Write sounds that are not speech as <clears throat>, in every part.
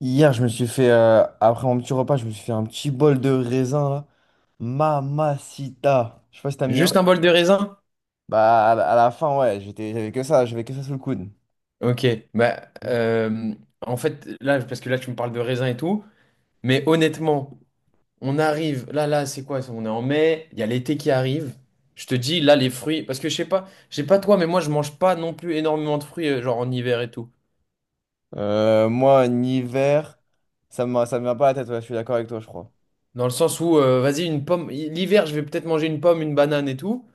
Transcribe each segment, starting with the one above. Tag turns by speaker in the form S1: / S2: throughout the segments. S1: Hier, je me suis fait, après mon petit repas, je me suis fait un petit bol de raisin, là. Mamacita. Je sais pas si t'aimes bien.
S2: Juste un bol de raisin?
S1: Bah, à la fin, ouais, j'avais que ça sous le coude.
S2: Ok. Bah, en fait, là, parce que là, tu me parles de raisin et tout, mais honnêtement, on arrive. Là, là, c'est quoi ça? On est en mai, il y a l'été qui arrive. Je te dis, là, les fruits. Parce que je sais pas toi, mais moi, je mange pas non plus énormément de fruits, genre en hiver et tout.
S1: Moi, en hiver, ça me vient pas à la tête, ouais, je suis d'accord avec toi, je crois.
S2: Dans le sens où, vas-y, une pomme. L'hiver, je vais peut-être manger une pomme, une banane et tout.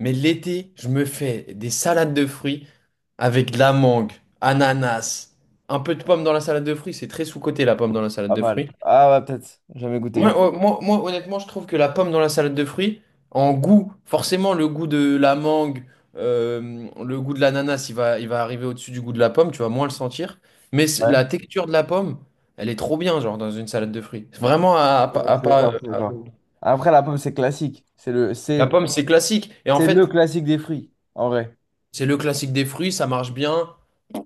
S2: Mais l'été, je me fais des salades de fruits avec de la mangue, ananas, un peu de pomme dans la salade de fruits. C'est très sous-coté, la pomme dans la salade
S1: Pas
S2: de
S1: mal.
S2: fruits.
S1: Ah ouais, peut-être, jamais
S2: Moi,
S1: goûté.
S2: euh, moi, moi, honnêtement, je trouve que la pomme dans la salade de fruits, en goût, forcément, le goût de la mangue, le goût de l'ananas, il va arriver au-dessus du goût de la pomme, tu vas moins le sentir. Mais
S1: Ouais,
S2: la texture de la pomme, elle est trop bien, genre, dans une salade de fruits. C'est Vraiment, à pas- à pas-
S1: Je suis
S2: à-
S1: d'accord. Après, la pomme, c'est classique.
S2: La pomme, c'est classique. Et en
S1: C'est le
S2: fait,
S1: classique des fruits, en vrai.
S2: c'est le classique des fruits, ça marche bien.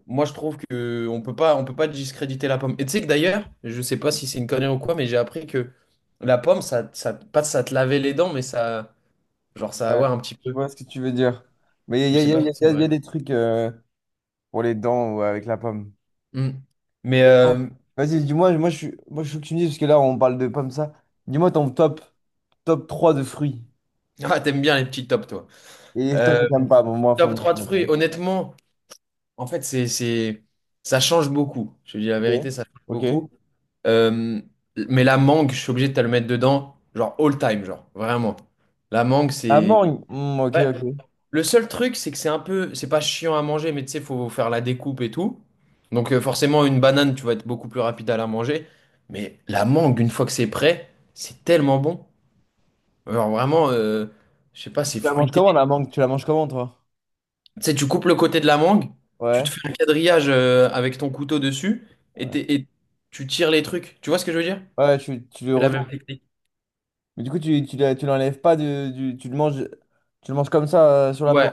S2: Moi, je trouve que on peut pas discréditer la pomme. Et tu sais que d'ailleurs, je sais pas si c'est une connerie ou quoi, mais j'ai appris que la pomme, ça, pas ça te lavait les dents, mais ça. Genre ça,
S1: Ouais,
S2: ouais, un petit
S1: je
S2: peu.
S1: vois ce que tu veux dire. Mais il
S2: Je
S1: y a,
S2: sais
S1: y a- y
S2: pas
S1: a-
S2: si
S1: y
S2: c'est
S1: a- y
S2: vrai.
S1: a des trucs pour les dents ou avec la pomme.
S2: Hmm. Mais
S1: Il est énorme. Vas-y, dis-moi, moi je veux que tu me dises, parce que là on parle de pommes ça. Dis-moi ton top, top 3 de fruits.
S2: <laughs> ah, t'aimes bien les petits tops, toi.
S1: Et toi que
S2: Euh,
S1: t'aimes pas, bon,
S2: top 3 de
S1: on en
S2: fruits,
S1: parle.
S2: honnêtement, en fait, ça change beaucoup. Je te dis la
S1: Ok.
S2: vérité, ça change
S1: Ok.
S2: beaucoup. Euh, mais la mangue, je suis obligé de te le mettre dedans, genre all time, genre, vraiment. La mangue,
S1: La
S2: c'est.
S1: mangue. Hmm, ok,
S2: Ouais.
S1: ok.
S2: Le seul truc, c'est que c'est un peu. C'est pas chiant à manger, mais tu sais, faut faire la découpe et tout. Donc, forcément, une banane, tu vas être beaucoup plus rapide à la manger. Mais la mangue, une fois que c'est prêt, c'est tellement bon. Alors vraiment, je sais pas, c'est
S1: Tu la manges
S2: fruité.
S1: comment
S2: Tu
S1: la mangue? Tu la manges comment toi?
S2: sais, tu coupes le côté de la mangue, tu
S1: Ouais.
S2: te fais un quadrillage avec ton couteau dessus et,
S1: Ouais.
S2: tu tires les trucs. Tu vois ce que je veux dire?
S1: Ouais, tu le
S2: C'est la
S1: retournes.
S2: même technique.
S1: Mais du coup, tu l'enlèves pas de, tu le manges comme ça sur la peau.
S2: Ouais,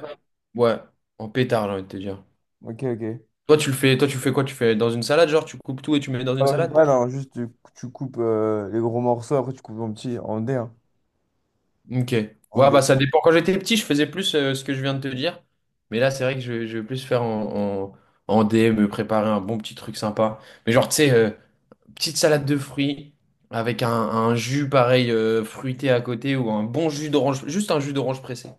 S2: ouais, en pétard, j'ai envie de te dire.
S1: Ok, ok.
S2: Toi, tu le fais, toi, tu fais quoi? Tu fais dans une salade, genre, tu coupes tout et tu mets dans
S1: Pas
S2: une
S1: dans une
S2: salade?
S1: poêle, hein, tu coupes les gros morceaux, après tu coupes en petits, en dés, hein,
S2: Ok.
S1: en
S2: Ouais, bah
S1: dés.
S2: ça dépend. Quand j'étais petit, je faisais plus ce que je viens de te dire. Mais là, c'est vrai que je vais plus faire en, DM, me préparer un bon petit truc sympa. Mais genre, tu sais, petite salade de fruits avec un jus pareil fruité à côté ou un bon jus d'orange, juste un jus d'orange pressé.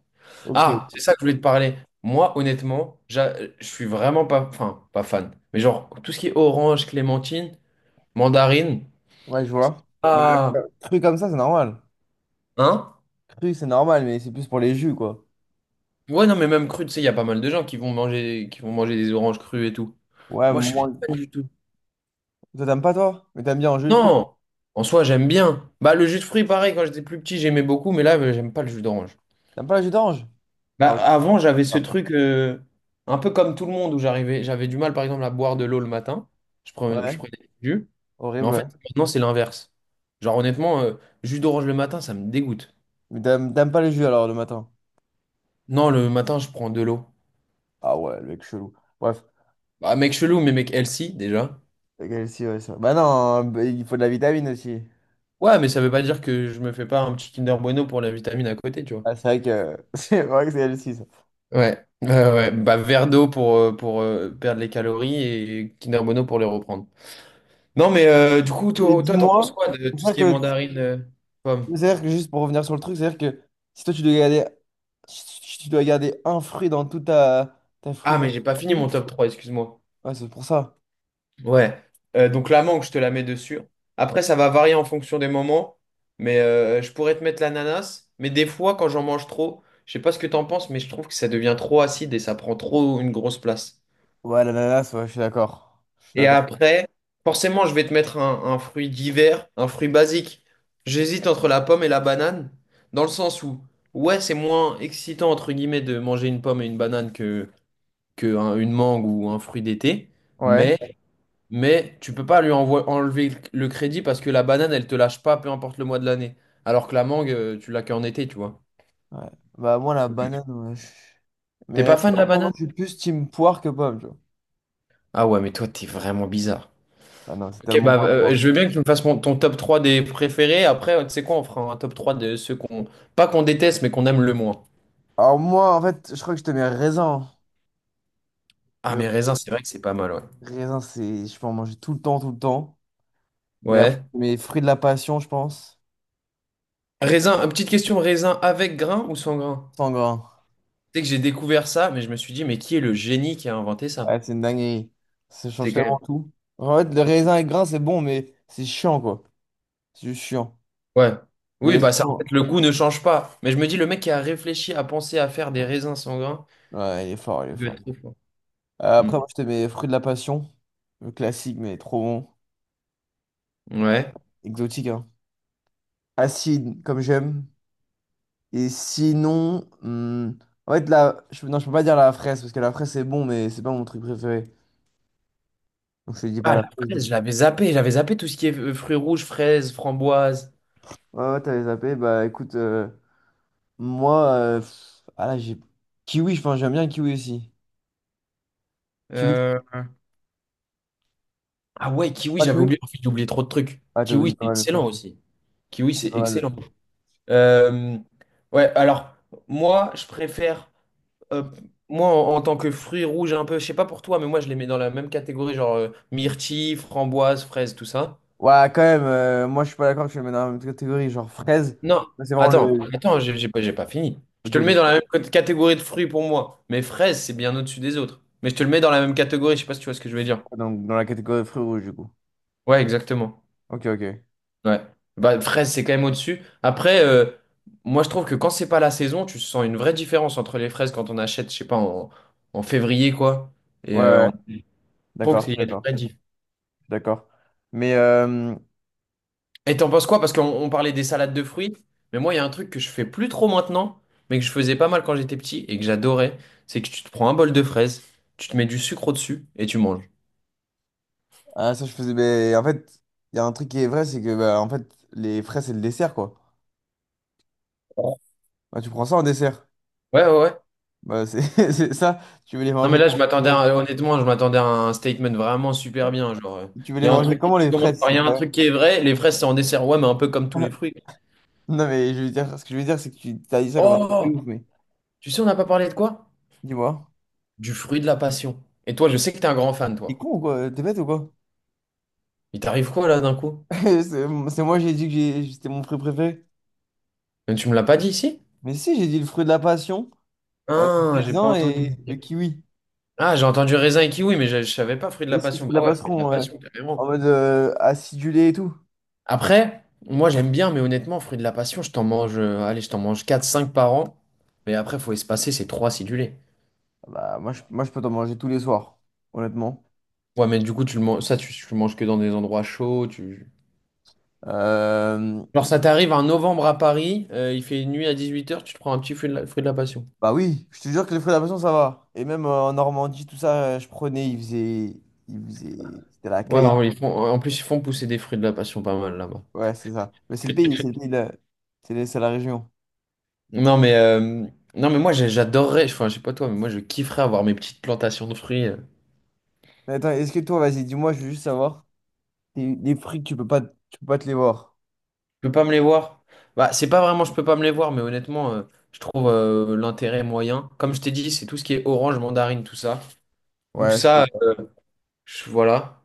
S1: Ok.
S2: Ah, c'est ça que je voulais te parler. Moi, honnêtement, je suis vraiment pas, enfin, pas fan. Mais genre, tout ce qui est orange, clémentine, mandarine,
S1: Ouais, je vois. Bah,
S2: ah,
S1: cru comme ça, c'est normal.
S2: hein?
S1: Cru, c'est normal, mais c'est plus pour les jus, quoi.
S2: Ouais, non, mais même cru, tu sais, il y a pas mal de gens qui vont manger des oranges crues et tout.
S1: Ouais,
S2: Moi, je suis
S1: moi.
S2: pas fan du tout.
S1: Toi, t'aimes pas, toi? Mais t'aimes bien en jus de fruits.
S2: Non, en soi, j'aime bien. Bah, le jus de fruits, pareil, quand j'étais plus petit, j'aimais beaucoup, mais là, j'aime pas le jus d'orange.
S1: T'aimes pas le jus d'orange?
S2: Bah,
S1: Ah ouais.
S2: avant, j'avais ce
S1: Ah.
S2: truc un peu comme tout le monde où j'arrivais, j'avais du mal par exemple à boire de l'eau le matin. Je prenais, je
S1: Ouais,
S2: prenais du jus. Mais
S1: horrible,
S2: en
S1: ouais.
S2: fait, maintenant, c'est l'inverse. Genre, honnêtement, jus d'orange le matin, ça me dégoûte.
S1: Mais t'aimes pas les jus, alors, le matin?
S2: Non, le matin, je prends de l'eau.
S1: Ah ouais, le mec chelou. Bref.
S2: Bah, mec chelou, mais mec healthy déjà.
S1: Ok, si, ouais, ça. Bah non, hein, bah, il faut de la vitamine aussi.
S2: Ouais, mais ça veut pas dire que je me fais pas un petit Kinder Bueno pour la vitamine à côté, tu vois.
S1: Ah, c'est vrai que <laughs> c'est vrai que c'est elle aussi ça.
S2: Ouais, ouais, ouais. Bah, verre d'eau pour perdre les calories et Kinder Bueno pour les reprendre. Non, mais du coup,
S1: Et
S2: toi, toi, t'en penses
S1: dis-moi,
S2: quoi de tout ce
S1: c'est-à-dire
S2: qui est
S1: que,
S2: mandarine, pomme.
S1: c'est-à-dire que juste pour revenir sur le truc, c'est-à-dire que si toi tu dois garder, si tu dois garder un fruit dans toute ta, ta
S2: Ah, mais j'ai pas fini
S1: frigorifère.
S2: mon top 3, excuse-moi.
S1: Ouais, c'est pour ça.
S2: Ouais. Donc la mangue, je te la mets dessus. Après, ça va varier en fonction des moments. Mais je pourrais te mettre l'ananas. Mais des fois, quand j'en mange trop, je sais pas ce que t'en penses, mais je trouve que ça devient trop acide et ça prend trop une grosse place.
S1: Ouais, l'ananas, ouais, je suis d'accord. Je suis
S2: Et
S1: d'accord.
S2: après, forcément, je vais te mettre un fruit d'hiver, un fruit basique. J'hésite entre la pomme et la banane, dans le sens où, ouais, c'est moins excitant, entre guillemets, de manger une pomme et une banane que, que une mangue ou un fruit d'été.
S1: Ouais.
S2: Mais Mais tu peux pas lui enlever le crédit parce que la banane, elle te lâche pas, peu importe le mois de l'année. Alors que la mangue, tu l'as qu'en été, tu vois.
S1: Ouais. Bah, moi, la banane, ouais.
S2: T'es
S1: Mais
S2: pas fan de la
S1: moi,
S2: banane?
S1: je suis plus team poire que pomme, tu vois.
S2: Ah ouais, mais toi, t'es vraiment bizarre.
S1: Ah non, c'est
S2: Ok,
S1: tellement
S2: bah
S1: moins la
S2: je veux
S1: poire.
S2: bien que tu me fasses ton top 3 des préférés. Après, tu sais quoi, on fera un top 3 de ceux qu'on... Pas qu'on déteste, mais qu'on aime le moins.
S1: Alors, moi, en fait, je crois que je te mets raisin.
S2: Ah,
S1: Le
S2: mais raisin, c'est vrai que c'est pas mal, ouais.
S1: raisin, c'est. Je peux en manger tout le temps, tout le temps. Mais après,
S2: Ouais.
S1: mes fruits de la passion, je pense.
S2: Raisin, petite question, raisin avec grain ou sans grain?
S1: Sans grain.
S2: Tu sais que j'ai découvert ça, mais je me suis dit, mais qui est le génie qui a inventé ça?
S1: Ouais, c'est une dinguerie. Ça change
S2: C'est quand
S1: tellement
S2: même.
S1: tout. En fait, le raisin et grain, c'est bon, mais c'est chiant, quoi. C'est juste chiant.
S2: Ouais. Oui,
S1: Mais
S2: bah ça, en
S1: sinon,
S2: fait, le goût ne change pas. Mais je me dis, le mec qui a réfléchi à penser à faire des raisins sans sanguins,
S1: ouais, il est
S2: il doit
S1: fort.
S2: être trop fort. Mm.
S1: Après, moi, je te mets fruit de la passion. Le classique, mais trop bon.
S2: Ouais.
S1: Exotique, hein. Acide, comme j'aime. Et sinon, hmm, en fait, non, je peux pas dire la fraise, parce que la fraise, c'est bon, mais c'est pas mon truc préféré. Donc, je te dis pas
S2: Ah, la
S1: la fraise, du
S2: fraise,
S1: coup.
S2: je l'avais zappé. J'avais zappé tout ce qui est fruits rouges, fraises, framboises.
S1: Ouais, ouais, t'avais zappé. Bah, écoute, moi, pff, ah là, j'ai. Kiwi, enfin, j'aime bien le kiwi aussi. Kiwi, tu
S2: Euh, Ah ouais,
S1: prends
S2: kiwi,
S1: pas le
S2: j'avais
S1: kiwi?
S2: oublié. En fait, j'ai oublié trop de trucs.
S1: Ah, t'as oublié
S2: Kiwi,
S1: pas
S2: c'est
S1: mal de trucs.
S2: excellent aussi. Kiwi,
S1: T'as oublié
S2: c'est
S1: pas mal de
S2: excellent.
S1: trucs.
S2: Euh, Ouais, alors, moi, je préfère... euh, moi, en tant que fruits rouges, un peu, je sais pas pour toi, mais moi, je les mets dans la même catégorie, genre myrtille, framboise, fraise, tout ça.
S1: Ouais, quand même, moi, je suis pas d'accord que je le mets dans la même catégorie. Genre, fraise,
S2: Non,
S1: moi, c'est vraiment
S2: attends,
S1: le.
S2: attends, j'ai pas fini. Je
S1: Ok,
S2: te le mets dans
S1: ok.
S2: la même catégorie de fruits pour moi. Mais fraises, c'est bien au-dessus des autres. Mais je te le mets dans la même catégorie, je sais pas si tu vois ce que je veux dire.
S1: Donc, dans la catégorie fruits rouges, du coup.
S2: Ouais, exactement.
S1: Ok, ok. Ouais,
S2: Ouais. Bah, fraise, c'est quand même au-dessus. Après, moi, je trouve que quand c'est pas la saison, tu sens une vraie différence entre les fraises quand on achète, je sais pas, en février, quoi. Et
S1: Ouais.
S2: euh,
S1: ouais.
S2: en... je trouve
S1: D'accord, je
S2: qu'il
S1: suis
S2: y a des
S1: d'accord.
S2: vraies différences.
S1: Je suis d'accord. Mais,
S2: Et t'en penses quoi? Parce qu'on parlait des salades de fruits, mais moi, il y a un truc que je fais plus trop maintenant, mais que je faisais pas mal quand j'étais petit et que j'adorais, c'est que tu te prends un bol de fraises, tu te mets du sucre au-dessus et tu manges.
S1: ah, ça, je faisais. Mais, en fait, il y a un truc qui est vrai, c'est que, bah, en fait, les fraises, c'est le dessert, quoi.
S2: Ouais,
S1: Bah, tu prends ça en dessert.
S2: ouais, ouais.
S1: Bah, c'est <laughs> c'est ça. Tu veux les
S2: Non, mais
S1: manger
S2: là,
S1: comment, les fraises
S2: honnêtement, je m'attendais à un statement vraiment super bien. Genre,
S1: Tu veux
S2: il
S1: les
S2: y a un
S1: manger
S2: truc,
S1: comment,
S2: tu
S1: les
S2: commences
S1: fraises?
S2: par,
S1: C'est
S2: il y a un
S1: pas...
S2: truc qui est vrai, les fraises, c'est en dessert, ouais, mais un peu comme tous
S1: vrai.
S2: les
S1: <laughs>
S2: fruits.
S1: Non, mais je veux dire, ce que je veux dire, c'est que tu as dit ça comme un truc de
S2: Oh!
S1: ouf, mais
S2: Tu sais, on n'a pas parlé de quoi?
S1: dis-moi.
S2: Du fruit de la passion. Et toi, je sais que t'es un grand fan,
S1: T'es
S2: toi.
S1: con ou quoi? T'es bête ou quoi?
S2: Il t'arrive quoi, là, d'un coup?
S1: <laughs> C'est j'ai dit que c'était mon fruit préféré.
S2: Mais tu me l'as pas dit ici?
S1: Mais si, j'ai dit le fruit de la passion,
S2: Ah,
S1: le
S2: j'ai pas
S1: raisin
S2: entendu.
S1: et le kiwi.
S2: Ah, j'ai entendu raisin et kiwi, mais je savais pas fruit de la
S1: Et si c'est
S2: passion.
S1: de la
S2: Bah ouais, fruit de la
S1: passeron, ouais.
S2: passion,
S1: En
S2: carrément.
S1: mode acidulé et tout.
S2: Après, moi j'aime bien, mais honnêtement, fruit de la passion, je t'en mange, allez, je t'en mange quatre cinq par an. Mais après, faut espacer, c'est 3 acidulés.
S1: Bah, moi, je peux t'en manger tous les soirs, honnêtement.
S2: Ouais, mais du coup, tu le manges, ça, tu le manges que dans des endroits chauds.
S1: Euh,
S2: Genre, ça t'arrive en novembre à Paris, il fait nuit à 18 h, tu te prends un petit fruit de la passion.
S1: Bah oui, je te jure que les fruits de la passion, ça va. Et même en Normandie, je prenais, ils faisaient... Ils faisaient... C'était la
S2: Ouais,
S1: caille.
S2: alors, ils font, en plus, ils font pousser des fruits de la passion pas mal là-bas.
S1: Ouais, c'est ça. Mais c'est le pays c'est la région.
S2: Non, mais, non, mais moi, j'ai- j'adorerais, enfin, je sais pas toi, mais moi, je kifferais avoir mes petites plantations de fruits.
S1: Mais attends, est-ce que toi, vas-y, dis-moi, je veux juste savoir, les fruits, que tu peux pas te les voir.
S2: Je peux pas me les voir. Bah, c'est pas vraiment je peux pas me les voir, mais honnêtement, je trouve l'intérêt moyen. Comme je t'ai dit, c'est tout ce qui est orange, mandarine, tout ça. Ou
S1: Ouais, je te...
S2: ça, voilà.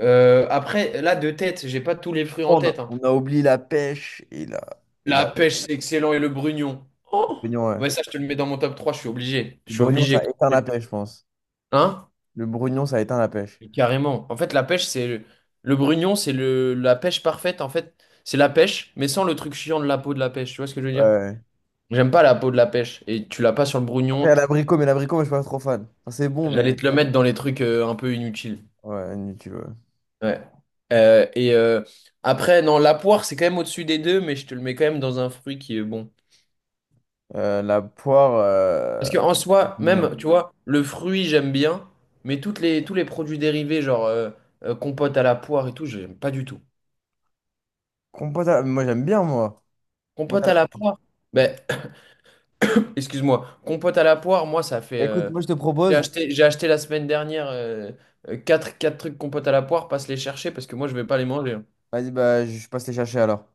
S2: Après, là, de tête, j'ai pas tous les fruits en tête, hein.
S1: On a oublié la pêche et la... Et la...
S2: La pêche,
S1: le
S2: c'est excellent, et le brugnon. Oh!
S1: brognon, ouais.
S2: Ouais, ça, je te le mets dans mon top trois, je suis obligé. Je
S1: Le
S2: suis
S1: brognon,
S2: obligé.
S1: ça éteint la pêche, je pense.
S2: Hein?
S1: Le brugnon, ça éteint la pêche.
S2: Mais carrément. En fait, la pêche, c'est. Le brugnon, c'est la pêche parfaite, en fait. C'est la pêche, mais sans le truc chiant de la peau de la pêche. Tu vois ce que je veux
S1: Ouais,
S2: dire?
S1: ouais.
S2: J'aime pas la peau de la pêche. Et tu l'as pas sur le
S1: Après, il y
S2: brugnon.
S1: a l'abricot, mais l'abricot, moi, je suis pas trop fan. Enfin, c'est bon, mais.
S2: J'allais te le mettre dans les trucs un peu inutiles.
S1: Ouais, inutile, ouais.
S2: Ouais. Et après, non, la poire, c'est quand même au-dessus des deux, mais je te le mets quand même dans un fruit qui est bon.
S1: La poire,
S2: Parce qu'en
S1: j'aime
S2: soi,
S1: bien.
S2: même, tu vois, le fruit, j'aime bien, mais tous les produits dérivés, genre compote à la poire et tout, j'aime pas du tout.
S1: Compote à la- Moi, j'aime bien, moi. Compote à
S2: Compote
S1: la
S2: à la
S1: poire.
S2: poire?
S1: Ouais.
S2: Ben, <coughs> <clears throat> excuse-moi, compote à la poire, moi, ça fait.
S1: Écoute, moi, je te
S2: J'ai
S1: propose.
S2: acheté, j'ai acheté la semaine dernière euh, quatre trucs compote à la poire, passe les chercher parce que moi, je vais pas les manger, hein.
S1: Vas-y, bah, je passe les chercher alors.